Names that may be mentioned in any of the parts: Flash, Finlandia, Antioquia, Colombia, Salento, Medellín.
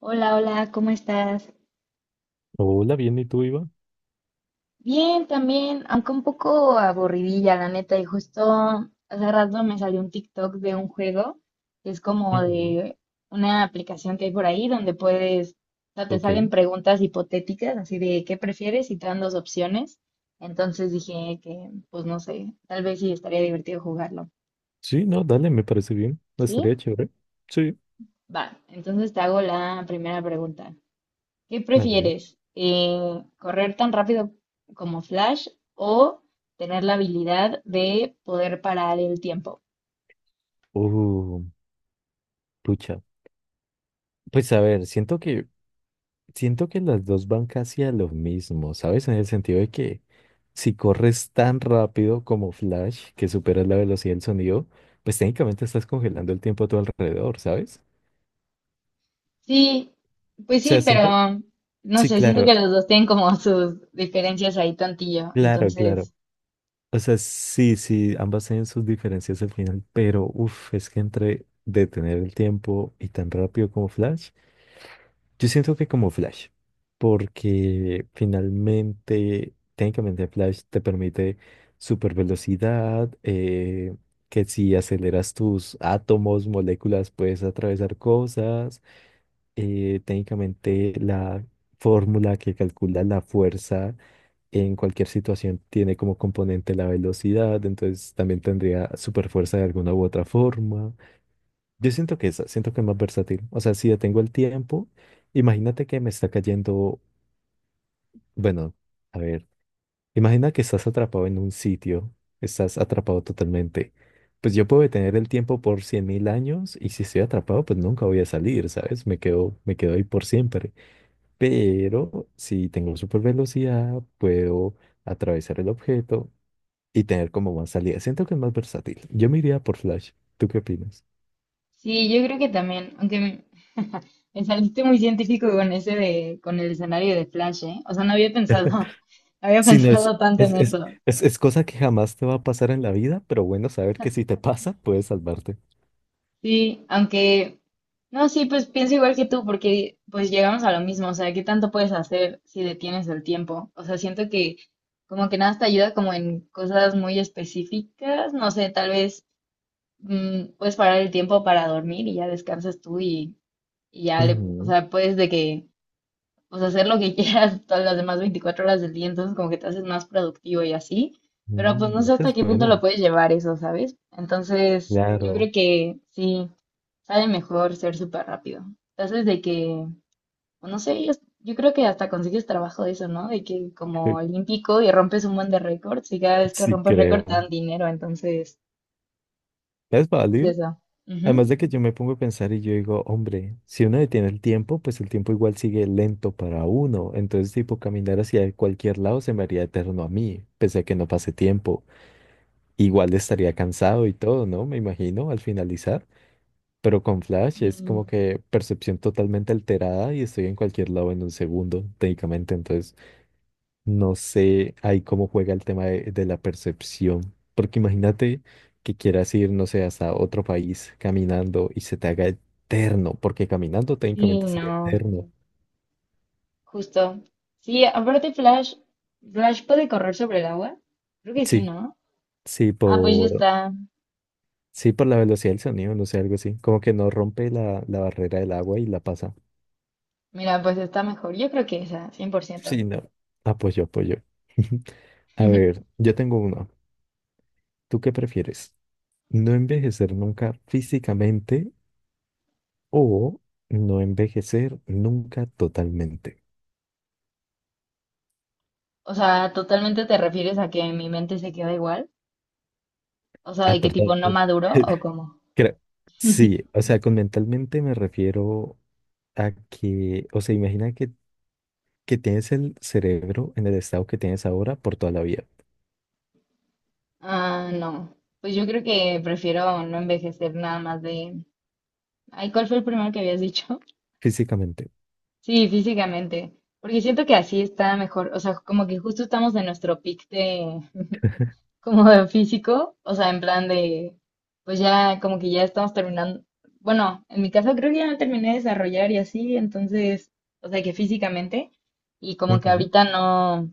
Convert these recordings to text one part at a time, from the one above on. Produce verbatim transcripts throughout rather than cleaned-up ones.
Hola, hola, ¿cómo estás? Hola, bien, ¿y tú, Iván? Bien, también, aunque un poco aburridilla, la neta, y justo hace rato me salió un TikTok de un juego que es como Ujú. de una aplicación que hay por ahí donde puedes, o sea, te Ok. salen preguntas hipotéticas, así de qué prefieres y te dan dos opciones. Entonces dije que, pues no sé, tal vez sí estaría divertido jugarlo. Sí, no, dale, me parece bien. ¿Sí? Estaría chévere. Sí. Va, entonces te hago la primera pregunta. ¿Qué A ver. prefieres? Eh, ¿correr tan rápido como Flash o tener la habilidad de poder parar el tiempo? Uh, Pucha. Pues a ver, siento que, siento que las dos van casi a lo mismo, ¿sabes? En el sentido de que si corres tan rápido como Flash, que superas la velocidad del sonido, pues técnicamente estás congelando el tiempo a tu alrededor, ¿sabes? Sí, pues O sí, sea, siento. pero no Sí, sé, siento que claro, los dos tienen como sus diferencias ahí tontillo. claro, claro. Entonces, O sea, sí, sí, ambas tienen sus diferencias al final, pero uff, es que entre detener el tiempo y tan rápido como Flash, yo siento que como Flash, porque finalmente, técnicamente Flash te permite super velocidad, que si aceleras tus átomos, moléculas, puedes atravesar cosas, eh, técnicamente la fórmula que calcula la fuerza en cualquier situación tiene como componente la velocidad, entonces también tendría superfuerza de alguna u otra forma. Yo siento que esa, siento que es más versátil. O sea, si detengo el tiempo, imagínate que me está cayendo, bueno, a ver, imagina que estás atrapado en un sitio, estás atrapado totalmente. Pues yo puedo detener el tiempo por cien mil años y si estoy atrapado, pues nunca voy a salir, ¿sabes? Me quedo, me quedo ahí por siempre. Pero si tengo super velocidad, puedo atravesar el objeto y tener como más salida. Siento que es más versátil. Yo me iría por Flash. ¿Tú qué opinas? sí, yo creo que también, aunque me, me saliste muy científico con ese de, con el escenario de Flash, ¿eh? O sea, no había pensado, no había Si no es, pensado tanto es, en es, eso. es, es cosa que jamás te va a pasar en la vida, pero bueno, saber que si te pasa, puedes salvarte. Sí, aunque, no, sí, pues pienso igual que tú, porque pues llegamos a lo mismo, o sea, ¿qué tanto puedes hacer si detienes el tiempo? O sea, siento que como que nada te ayuda como en cosas muy específicas, no sé, tal vez mm, puedes parar el tiempo para dormir y ya descansas tú y, y ya le, o Ujú. sea, puedes de que, pues hacer lo que quieras todas las demás veinticuatro horas del día, entonces como que te haces más productivo y así, pero pues no Mm, sé eso hasta es qué punto lo bueno. puedes llevar eso, ¿sabes? Entonces, yo creo Claro, que sí. Sale mejor ser súper rápido. Entonces, de que, o no sé, yo, yo creo que hasta consigues trabajo de eso, ¿no? De que como olímpico y rompes un buen de récords y cada vez que sí rompes récord te dan creo. dinero, entonces, Es pues válido. eso. Además Ujú. de que yo me pongo a pensar y yo digo, hombre, si uno detiene el tiempo, pues el tiempo igual sigue lento para uno. Entonces, tipo, caminar hacia cualquier lado se me haría eterno a mí, pese a que no pase tiempo. Igual estaría cansado y todo, ¿no? Me imagino al finalizar. Pero con Flash es Y- como que percepción totalmente alterada y estoy en cualquier lado en un segundo, técnicamente. Entonces, no sé ahí cómo juega el tema de, de la percepción, porque imagínate que quieras ir, no sé, hasta otro país caminando y se te haga eterno, porque caminando Sí, técnicamente sería no, eterno. justo. Sí, aparte Flash, Flash puede correr sobre el agua. Creo que sí, Sí, ¿no? sí, Ah, pues ya por, está. sí, por la velocidad del sonido, no sé, algo así, como que no rompe la, la barrera del agua y la pasa. Mira, pues está mejor. Yo creo que esa, cien por ciento. Sí, no, apoyo, apoyo. A ver, yo tengo uno. ¿Tú qué prefieres? ¿No envejecer nunca físicamente o no envejecer nunca totalmente? O sea, totalmente te refieres a que mi mente se queda igual. O sea, Ah, de qué tipo perdón. no maduro o cómo. Creo- Sí, o sea, con mentalmente me refiero a que, o sea, imagina que, que tienes el cerebro en el estado que tienes ahora por toda la vida, Ah, no. Pues yo creo que prefiero no envejecer nada más de. Ay, ¿cuál fue el primero que habías dicho? físicamente. Sí, físicamente. Porque siento que así está mejor. O sea, como que justo estamos en nuestro pic de como de físico. O sea, en plan de. Pues ya, como que ya estamos terminando. Bueno, en mi caso creo que ya no terminé de desarrollar y así, entonces, o sea, que físicamente. Y como que Ujú. ahorita no.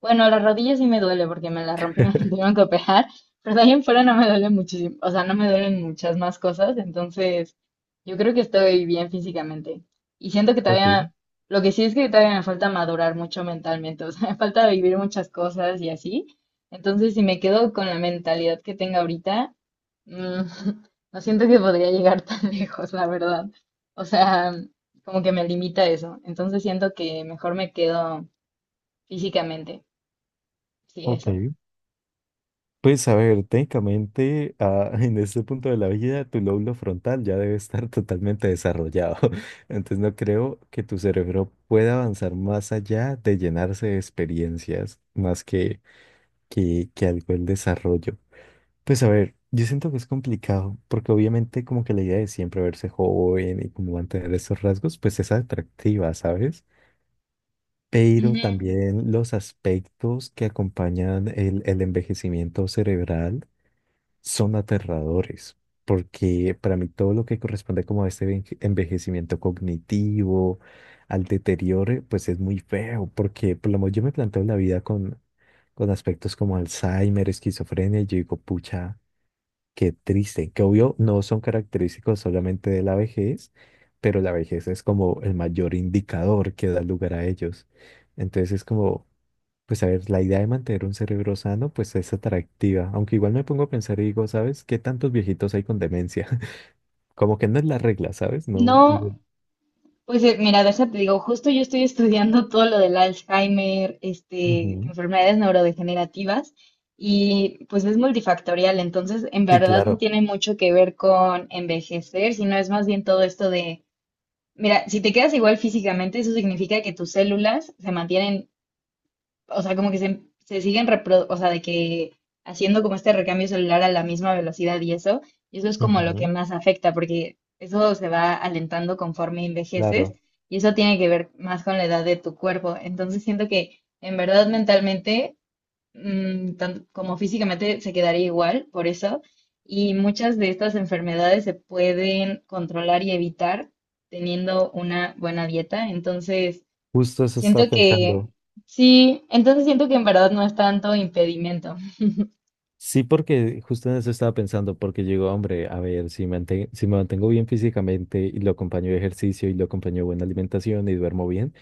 Bueno, las rodillas sí me duele porque me las rompí, me tuvieron que operar, pero de ahí en fuera no me duele muchísimo, o sea, no me duelen muchas más cosas, entonces yo creo que estoy bien físicamente. Y siento que Ok, todavía, lo que sí es que todavía me falta madurar mucho mentalmente, o sea, me falta vivir muchas cosas y así. Entonces, si me quedo con la mentalidad que tengo ahorita, mm, no siento que podría llegar tan lejos, la verdad. O sea, como que me limita eso. Entonces siento que mejor me quedo físicamente, sí, ok. eso. Pues a ver, técnicamente ah, en este punto de la vida tu lóbulo frontal ya debe estar totalmente desarrollado. Entonces no creo que tu cerebro pueda avanzar más allá de llenarse de experiencias más que, que, que algo el desarrollo. Pues a ver, yo siento que es complicado porque obviamente como que la idea de siempre verse joven y como mantener esos rasgos pues es atractiva, ¿sabes? Pero Ujú. también los aspectos que acompañan el el envejecimiento cerebral son aterradores, porque para mí todo lo que corresponde como a este enveje- envejecimiento cognitivo, al deterioro, pues es muy feo, porque por lo menos yo me planteo la vida con, con aspectos como Alzheimer, esquizofrenia, y yo digo, pucha, qué triste, que obvio no son característicos solamente de la vejez, pero la vejez es como el mayor indicador que da lugar a ellos. Entonces es como... Pues a ver, la idea de mantener un cerebro sano, pues es atractiva, aunque igual me pongo a pensar y digo, ¿sabes qué tantos viejitos hay con demencia? Como que no es la regla, ¿sabes? No. no- No, pues eh, mira, de esa te digo, justo yo estoy estudiando todo lo del Alzheimer, este, Ujú. enfermedades neurodegenerativas, y pues es multifactorial, entonces en Sí, verdad no claro. tiene mucho que ver con envejecer, sino es más bien todo esto de, mira, si te quedas igual físicamente, eso significa que tus células se mantienen o sea, como que se, se siguen, repro- o sea, de que haciendo como este recambio celular a la misma velocidad y eso, y eso es como lo que Ujú. más afecta, porque eso se va alentando conforme envejeces Claro. y eso tiene que ver más con la edad de tu cuerpo. Entonces siento que en verdad mentalmente, mm, tan- como físicamente, se quedaría igual por eso. Y muchas de estas enfermedades se pueden controlar y evitar teniendo una buena dieta. Entonces, Justo eso estaba siento que, pensando. sí, entonces siento que en verdad no es tanto impedimento. Sí, porque justo en eso estaba pensando, porque digo, hombre, a ver, si mante- si me mantengo bien físicamente y lo acompaño de ejercicio y lo acompaño de buena alimentación y duermo bien,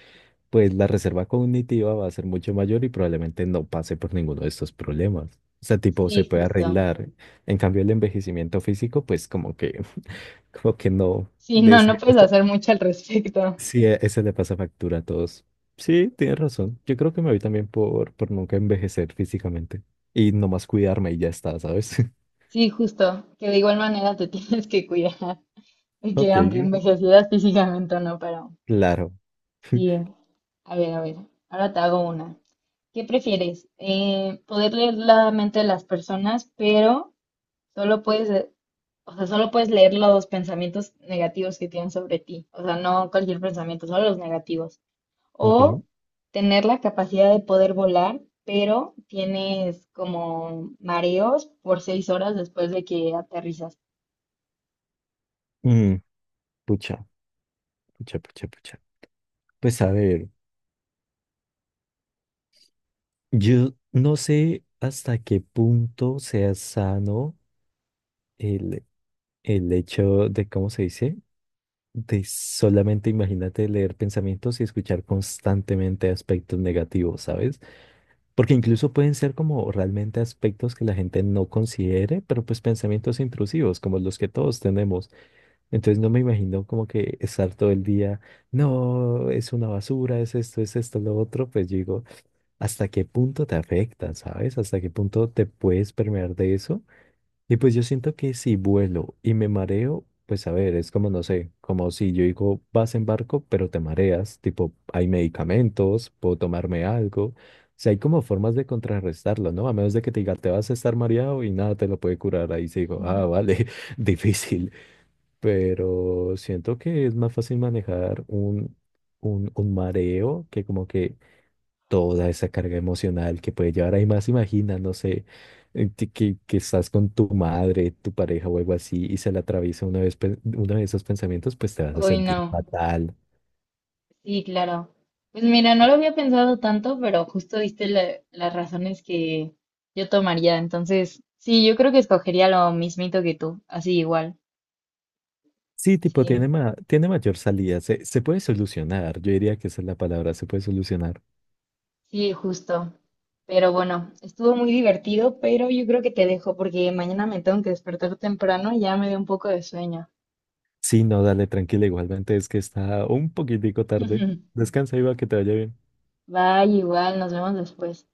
pues la reserva cognitiva va a ser mucho mayor y probablemente no pase por ninguno de estos problemas. O sea, tipo, se Sí, puede justo. arreglar. En cambio, el envejecimiento físico, pues como que, como que no. Sí, De no, no ese, puedes ese- hacer mucho al respecto. Sí, e- ese le pasa factura a todos. Sí, tienes razón. Yo creo que me voy también por, por nunca envejecer físicamente y nomás cuidarme y ya está, ¿sabes? Sí, justo, que de igual manera te tienes que cuidar, y que Ok, aunque ok, envejecieras físicamente o no, pero claro. sí, a ver, a ver, ahora te hago una. ¿Qué prefieres? Eh, poder leer la mente de las personas, pero solo puedes, eh, o sea, solo puedes leer los pensamientos negativos que tienen sobre ti, o sea, no cualquier pensamiento, solo los negativos. Ok. O tener la capacidad de poder volar, pero tienes como mareos por seis horas después de que aterrizas. Mm, Pucha, pucha, pucha, pucha. Pues a ver. Yo no sé hasta qué punto sea sano el, el hecho de, ¿cómo se dice? De solamente imagínate leer pensamientos y escuchar constantemente aspectos negativos, ¿sabes? Porque incluso pueden ser como realmente aspectos que la gente no considere, pero pues pensamientos intrusivos, como los que todos tenemos. Entonces no me imagino como que estar todo el día, no, es una basura, es esto, es esto, lo otro, pues digo hasta qué punto te afecta, ¿sabes? Hasta qué punto te puedes permear de eso. Y pues yo siento que si vuelo y me mareo, pues a ver, es como, no sé, como si yo digo, vas en barco, pero te mareas, tipo, hay medicamentos, puedo tomarme algo. O sea, hay como formas de contrarrestarlo, ¿no? A menos de que te diga, te vas a estar mareado y nada te lo puede curar. Ahí sí digo, ah, vale, difícil. Pero siento que es más fácil manejar un, un, un mareo que como que toda esa carga emocional que puede llevar. Ahí más imagina, no sé, eh, que, que- que estás con tu madre, tu pareja o algo así y se le atraviesa una vez, pe- uno de esos pensamientos, pues te vas a Uy, sentir no. fatal. Sí, claro. Pues mira, no lo había pensado tanto, pero justo diste la- las razones que yo tomaría. Entonces, sí, yo creo que escogería lo mismito que tú, así igual. Sí, tipo, Sí, tiene, ma- tiene mayor salida, se, se puede solucionar, yo diría que esa es la palabra, se puede solucionar. sí, justo. Pero bueno, estuvo muy divertido, pero yo creo que te dejo porque mañana me tengo que despertar temprano y ya me dio un poco de sueño. Sí, no, dale, tranquila, igualmente es que está un poquitico tarde. Descansa, Iba, que te vaya bien. Bye, igual, nos vemos después.